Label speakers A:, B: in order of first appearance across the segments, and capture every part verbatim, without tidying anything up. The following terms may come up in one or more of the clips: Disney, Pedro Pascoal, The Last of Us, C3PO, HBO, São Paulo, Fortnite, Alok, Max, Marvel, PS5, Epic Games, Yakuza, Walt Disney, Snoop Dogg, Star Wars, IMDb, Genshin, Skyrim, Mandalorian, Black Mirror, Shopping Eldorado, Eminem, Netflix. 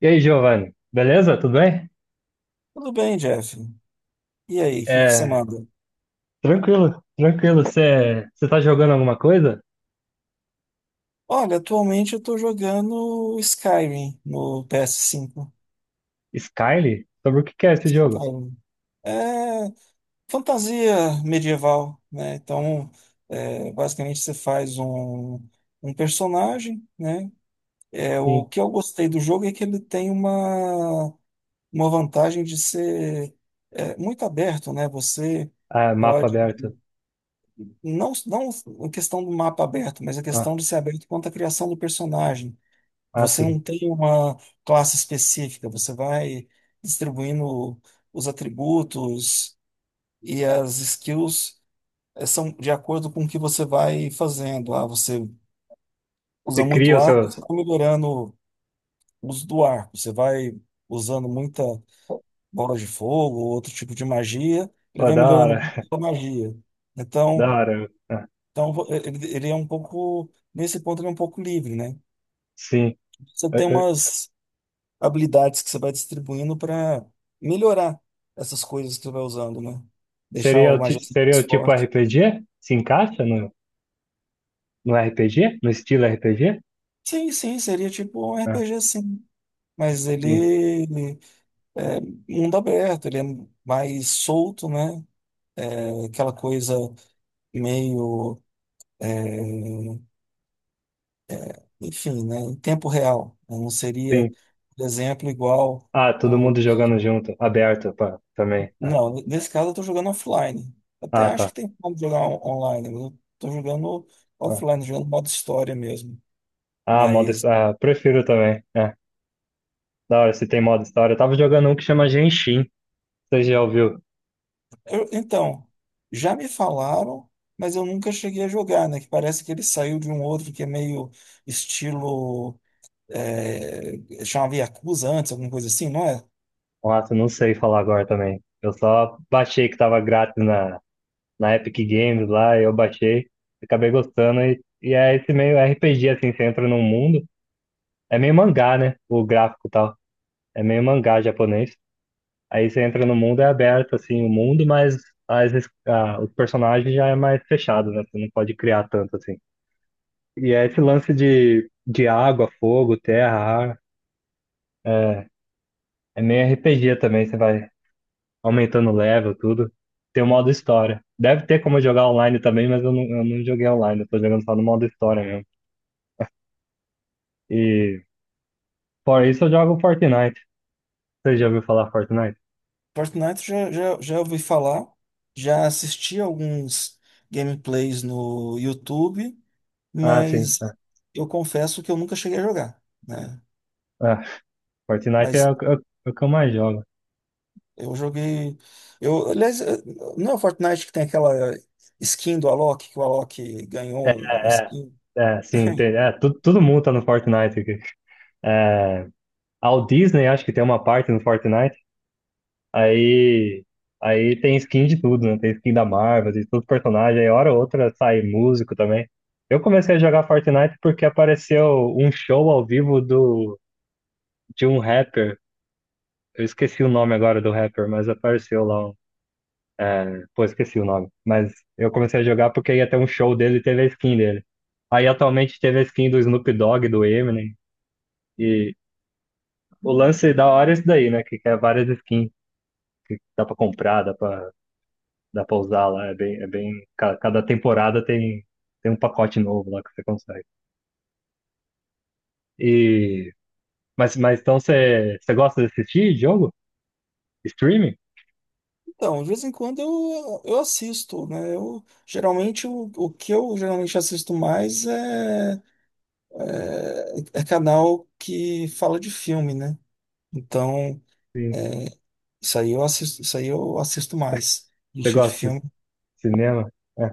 A: E aí, Giovanni? Beleza? Tudo bem?
B: Tudo bem, Jeff. E aí, o que que você
A: É,
B: manda?
A: tranquilo, tranquilo. Você tá jogando alguma coisa?
B: Olha, atualmente eu tô jogando Skyrim no P S cinco.
A: Skyrim? Sobre o que que é esse jogo?
B: Skyrim. É fantasia medieval, né? Então, é, basicamente você faz um, um personagem, né? É, o
A: Sim.
B: que eu gostei do jogo é que ele tem uma, uma vantagem de ser é, muito aberto, né? Você
A: Ah, mapa
B: pode,
A: aberto.
B: não, não a questão do mapa aberto, mas a
A: Ah,
B: questão de ser aberto quanto à criação do personagem.
A: ah,
B: Você
A: sim.
B: não tem uma classe específica, você vai distribuindo os atributos e as skills eh, são de acordo com o que você vai fazendo. Ah, você usa
A: Você cria
B: muito
A: os
B: arco, você
A: seus.
B: está melhorando o uso do arco. Você vai usando muita bola de fogo, ou outro tipo de magia, ele
A: Oh,
B: vai
A: da
B: melhorando
A: hora,
B: muito a magia.
A: da
B: Então,
A: hora. Ah,
B: então ele, ele é um pouco, nesse ponto, ele é um pouco livre, né?
A: sim.
B: Você
A: Eh,
B: tem
A: eh,
B: umas habilidades que você vai distribuindo para melhorar essas coisas que você vai usando, né? Deixar
A: Seria,
B: o
A: o ti-
B: magia
A: seria o
B: mais
A: tipo
B: forte.
A: R P G? Se encaixa no, no R P G? No estilo R P G?
B: Sim, sim, seria tipo um
A: Ah,
B: R P G, sim. Mas
A: sim,
B: ele é mundo aberto, ele é mais solto, né? É Aquela coisa meio, enfim, né? Em tempo real. né? Não seria,
A: sim.
B: por exemplo, igual
A: Ah, todo
B: o.
A: mundo jogando junto, aberto pá, também. Ah,
B: Não, nesse caso eu tô jogando offline. Até
A: ah,
B: acho
A: tá.
B: que tem como jogar on- online, mas eu tô jogando
A: Ah,
B: offline, jogando modo história mesmo.
A: ah, modo.
B: Mas,
A: Ah, prefiro também, é. Da hora, se tem modo história. Eu tava jogando um que chama Genshin. Você já ouviu?
B: eu- então, já me falaram, mas eu nunca cheguei a jogar, né? Que parece que ele saiu de um outro que é meio estilo. É, chamava Yakuza antes, alguma coisa assim, não é?
A: Nossa, eu não sei falar agora também. Eu só baixei que tava grátis na, na Epic Games lá, eu baixei, acabei gostando. E, e é esse meio R P G, assim, você entra num mundo. É meio mangá, né? O gráfico e tal. É meio mangá japonês. Aí você entra no mundo, é aberto, assim, o mundo, mas as, es- ah, os personagens já é mais fechado, né? Você não pode criar tanto, assim. E é esse lance de, de água, fogo, terra, ar. É. É meio R P G também, você vai aumentando o level, tudo. Tem o modo história. Deve ter como jogar online também, mas eu não, eu não joguei online, eu tô jogando só no modo história mesmo. E fora isso eu jogo Fortnite. Você já ouviu falar Fortnite?
B: Fortnite já, já, já ouvi falar, já assisti alguns gameplays no YouTube,
A: Ah, sim,
B: mas
A: é.
B: eu confesso que eu nunca cheguei a jogar, né?
A: Ah, Fortnite é
B: Mas
A: o, que- é o- é o que eu mais jogo.
B: Eu joguei. Eu, aliás, eh, não é o Fortnite que tem aquela skin do Alok, que o Alok
A: É,
B: ganhou um
A: é,
B: skin.
A: é, sim, tem, é, tu- todo mundo tá no Fortnite aqui. É, a Walt Disney acho que tem uma parte no Fortnite. Aí, aí tem skin de tudo, né? Tem skin da Marvel, de todo personagens. Aí hora ou outra sai músico também. Eu comecei a jogar Fortnite porque apareceu um show ao vivo do, de um rapper. Eu esqueci o nome agora do rapper, mas apareceu lá. um- É, pô, esqueci o nome. Mas eu comecei a jogar porque ia ter um show dele e teve a skin dele. Aí atualmente teve a skin do Snoop Dogg, do Eminem. E o lance da hora é isso daí, né? Que, que é várias skins que dá pra comprar, dá pra. Dá pra usar lá, é bem, é bem. ca- Cada temporada tem, tem um pacote novo lá que você consegue. E, mas, mas então você, você gosta de assistir jogo? Streaming?
B: Então, de vez em quando eu, eu assisto, né? Eu, geralmente, o, o que eu geralmente assisto mais é, é, é canal que fala de filme, né? Então,
A: Sim.
B: isso aí eu assisto, isso aí eu assisto mais.
A: Você
B: Lista de
A: gosta de assis-
B: filme.
A: cinema? É.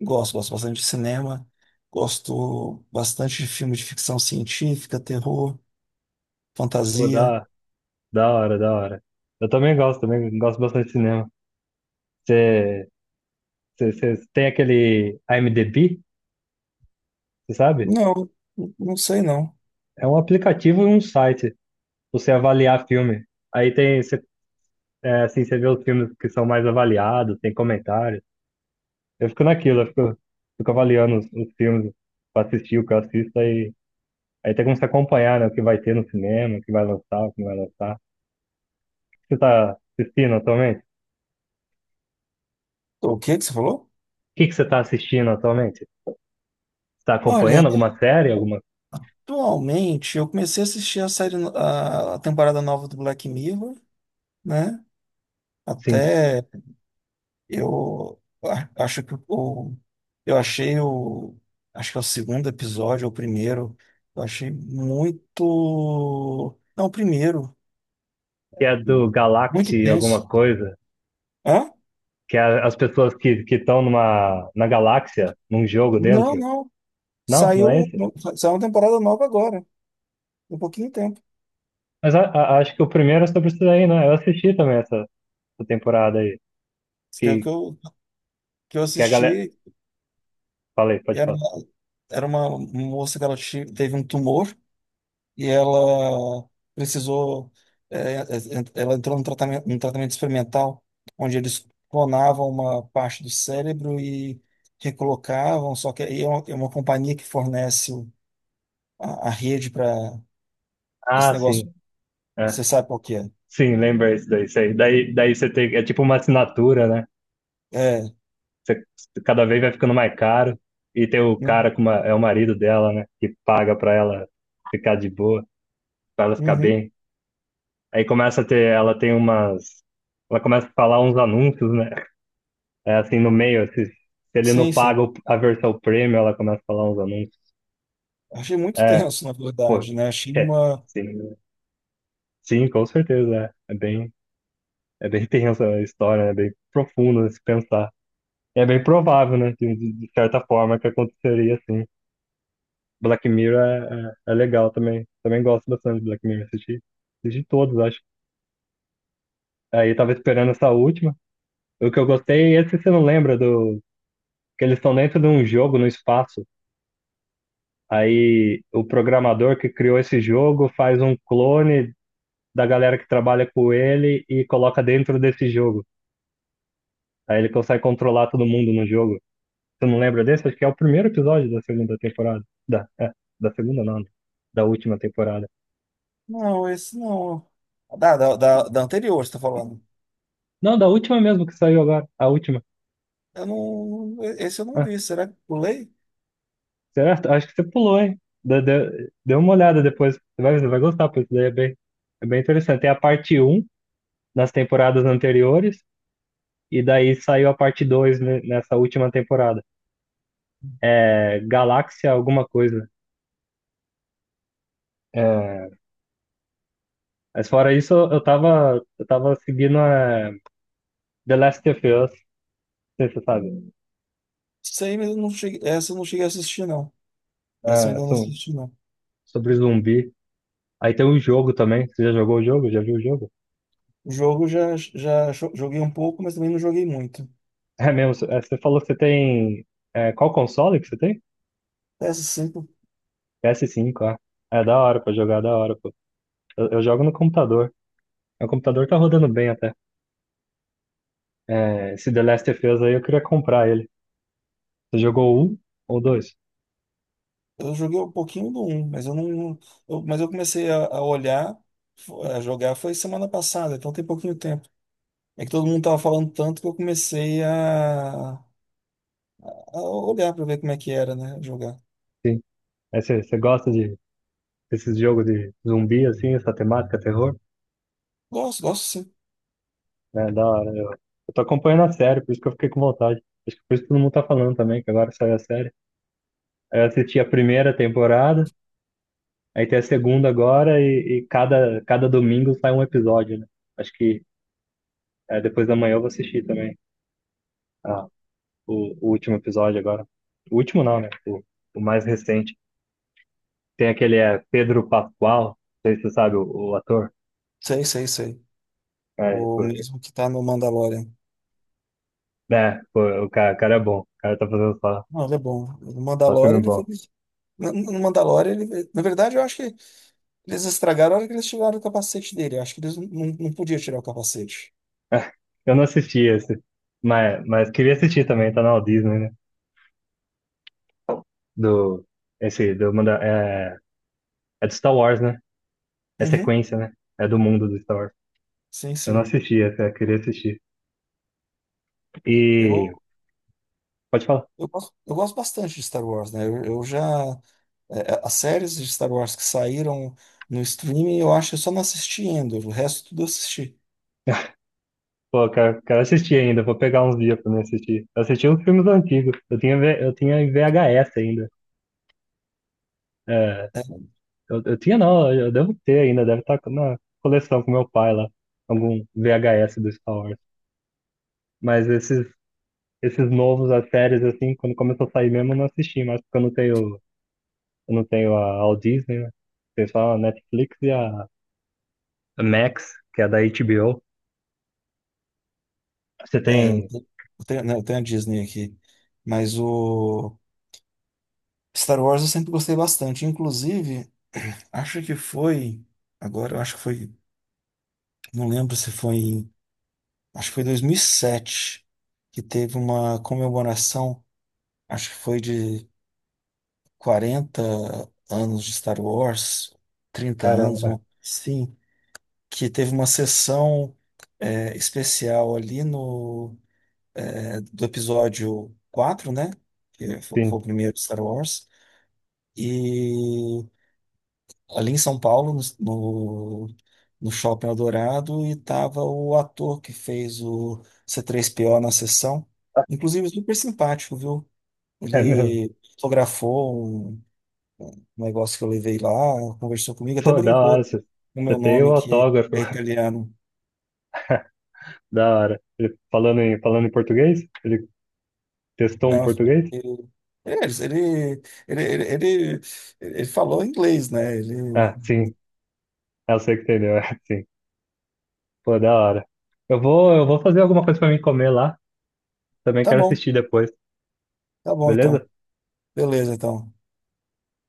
B: Gosto, gosto bastante de cinema. Gosto bastante de filme de ficção científica, terror,
A: Pô,
B: fantasia.
A: da, da hora, da hora. Eu também gosto, também gosto bastante de cinema. Você, você, você tem aquele IMDb, você sabe?
B: Não, não sei não.
A: É um aplicativo e um site pra você avaliar filme. Aí tem, você, é, assim, você vê os filmes que são mais avaliados, tem comentários. Eu fico naquilo, eu fico, fico avaliando os, os filmes pra assistir o que eu assisto e aí tem como se acompanhar, né, o que vai ter no cinema, o que vai lançar, o que não vai lançar. Você tá assistindo atualmente? O
B: O que que você falou?
A: que que você tá assistindo atualmente? Você tá
B: Olha,
A: acompanhando alguma série, alguma,
B: atualmente eu comecei a assistir a série, no- a a temporada nova do Black Mirror, né?
A: sim,
B: Até eu a- acho que o, eu achei o, acho que é o segundo episódio, ou o primeiro, eu achei muito, não, o primeiro,
A: que é do
B: muito
A: Galaxy alguma
B: tenso.
A: coisa,
B: Hã?
A: que é as pessoas que que estão numa na galáxia, num jogo
B: Não,
A: dentro.
B: não,
A: Não, não
B: saiu,
A: é esse?
B: um- saiu uma temporada nova agora, um pouquinho de tempo,
A: Mas a, a- acho que o primeiro é sobre isso daí, né? Eu assisti também essa, essa temporada aí,
B: que é o
A: que
B: que eu, que eu
A: que a galera,
B: assisti.
A: falei,
B: E
A: pode
B: era
A: falar.
B: uma, era uma moça que ela ti- teve um tumor e ela precisou. é, é, é, Ela entrou num tratamento, num tratamento, experimental, onde eles clonavam uma parte do cérebro e recolocavam. Só que aí é uma, é uma companhia que fornece o- a, a rede para esse
A: Ah,
B: negócio.
A: sim.
B: Você sabe qual que é?
A: Sim, lembra isso daí. Sei. Daí, daí você tem. É tipo uma assinatura, né?
B: É.
A: Você, cada vez vai ficando mais caro. E tem o cara
B: Uhum.
A: com uma, é o marido dela, né? Que paga pra ela ficar de boa, pra ela ficar
B: uhum,
A: bem. Aí começa a ter. Ela tem umas. Ela começa a falar uns anúncios, né? É assim, no meio. Se, se ele não
B: sim,
A: paga
B: sim.
A: o- a versão premium, ela começa a falar uns anúncios.
B: Achei muito
A: É,
B: tenso, na
A: pô.
B: verdade, né? Achei
A: É,
B: uma.
A: sim. Sim, com certeza. É, é bem. É bem tensa a história, é bem profundo se pensar. É bem provável, né? De, de de certa forma que aconteceria assim. Black Mirror é, é, é legal também. Também gosto bastante de Black Mirror. Assisti, assisti todos, acho. Aí tava esperando essa última. O que eu gostei, é esse você não lembra do. Que eles estão dentro de um jogo no espaço. Aí o programador que criou esse jogo faz um clone da galera que trabalha com ele e coloca dentro desse jogo. Aí ele consegue controlar todo mundo no jogo. Você não lembra desse? Acho que é o primeiro episódio da segunda temporada. Da, é, da segunda não, né? Da última temporada.
B: Não, esse não. Da, da, da, da anterior, você está falando.
A: Não, da última mesmo que saiu agora, a última.
B: Eu não, esse eu não
A: Ah,
B: vi. Será que pulei?
A: certo? Acho que você pulou, hein? Dê, dê, dê uma olhada depois, você vai, você vai gostar, porque isso daí é bem, é bem interessante. Tem a parte um nas temporadas anteriores, e daí saiu a parte dois ne- nessa última temporada. É Galáxia alguma coisa. É, mas fora isso, eu tava, eu tava seguindo é, The Last of Us, não sei se você sabe.
B: Sei, mas eu não cheguei, essa eu não cheguei a assistir, não. Essa eu
A: É,
B: ainda não assisti, não.
A: sobre zumbi. Aí tem um jogo também. Você já jogou o jogo? Já viu o jogo?
B: O jogo eu já, já jo- joguei um pouco, mas também não joguei muito.
A: É mesmo. cê- é, Você falou que você tem. É, qual console que você tem?
B: P s cinco.
A: PS cinco, ah. É da hora pra jogar, da hora, pô. Eu, eu jogo no computador. O computador tá rodando bem até. É, esse The Last of Us aí eu queria comprar ele. Você jogou um ou dois?
B: Eu joguei um pouquinho do um mas eu não. não- eu- mas eu comecei a, a olhar, fo- a jogar, foi semana passada, então tem pouquinho tempo. É que todo mundo tava falando tanto que eu comecei a, a olhar pra ver como é que era, né? Jogar.
A: Sim. Aí você, você gosta de desses jogos de zumbi, assim, essa temática, terror?
B: Gosto, gosto sim.
A: É da hora. Eu, eu tô acompanhando a série, por isso que eu fiquei com vontade. Acho que por isso que todo mundo tá falando também, que agora saiu a série. Aí eu assisti a primeira temporada. Aí tem a segunda agora e, e cada, cada domingo sai um episódio, né? Acho que é, depois da manhã eu vou assistir também, ah, o, o último episódio agora. O último não, né? O, o mais recente. Tem aquele é, Pedro Pascoal, não sei se você sabe, o, o ator.
B: Sei, sei, sei.
A: É,
B: O
A: pô,
B: mesmo que tá no Mandalorian.
A: né? Pô, o cara, o cara é bom, o cara tá fazendo só,
B: Não, ele é bom. No
A: só
B: Mandalorian
A: filme
B: ele
A: bom.
B: fez. No no Mandalorian, ele... na verdade, eu acho que eles estragaram a hora que eles tiraram o capacete dele. Eu acho que eles não, não, não podiam tirar o capacete.
A: Eu não assisti esse, mas, mas queria assistir também, tá na Walt Disney, né? Do, esse, do, Manda- é, é do Star Wars, né? É
B: Uhum,
A: sequência, né? É do mundo do Star Wars.
B: sim,
A: Eu não
B: sim.
A: assisti essa, eu queria assistir.
B: Eu
A: E. Pode falar.
B: Eu gosto, eu gosto bastante de Star Wars, né? Eu, eu já. É, é, as séries de Star Wars que saíram no streaming, eu acho que eu só não assisti ainda. O resto tudo eu assisti.
A: Pô, eu quero, quero assistir ainda, vou pegar uns dias pra me assistir. Eu assisti uns filmes antigos. Eu tinha, V- eu tinha em V H S ainda. É,
B: É,
A: eu, eu tinha não, eu devo ter ainda, deve estar na coleção com meu pai lá. Algum V H S do Star Wars. Mas esses, esses novos, as séries, assim, quando começou a sair mesmo, eu não assisti, mas porque eu não tenho, eu não tenho a All Disney, né? Tem só a Netflix e a a Max, que é da H B O. Você
B: é, eu
A: tem.
B: te- eu tenho, né, eu tenho a Disney aqui. Mas o Star Wars eu sempre gostei bastante. Inclusive, acho que foi. Agora, eu acho que foi. Não lembro se foi. em- Acho que foi dois mil e sete que teve uma comemoração. Acho que foi de Quarenta anos de Star Wars, trinta
A: Cara,
B: anos, uma- sim, que teve uma sessão é, especial ali no é, do episódio quatro, né? Que fo- foi,
A: assim,
B: o primeiro de Star Wars. E ali em São Paulo, no, no, no Shopping Eldorado, e tava o ator que fez o C três P O na sessão. Inclusive, super simpático, viu?
A: é.
B: Ele fotografou um um negócio que eu levei lá, conversou comigo, até
A: Pô, da
B: brincou
A: hora, você
B: com o
A: você
B: meu
A: tem o
B: nome, que
A: autógrafo.
B: é italiano.
A: Da hora. Ele, falando em, falando em português? Ele testou um
B: Não,
A: português?
B: ele, ele, ele, ele, ele, ele falou inglês, né? Ele,
A: Ah, sim. Ah, eu sei que entendeu, é, sim. Pô, da hora. Eu vou, eu vou fazer alguma coisa pra mim comer lá. Também
B: tá
A: quero
B: bom,
A: assistir depois,
B: tá bom então.
A: beleza?
B: Beleza, então.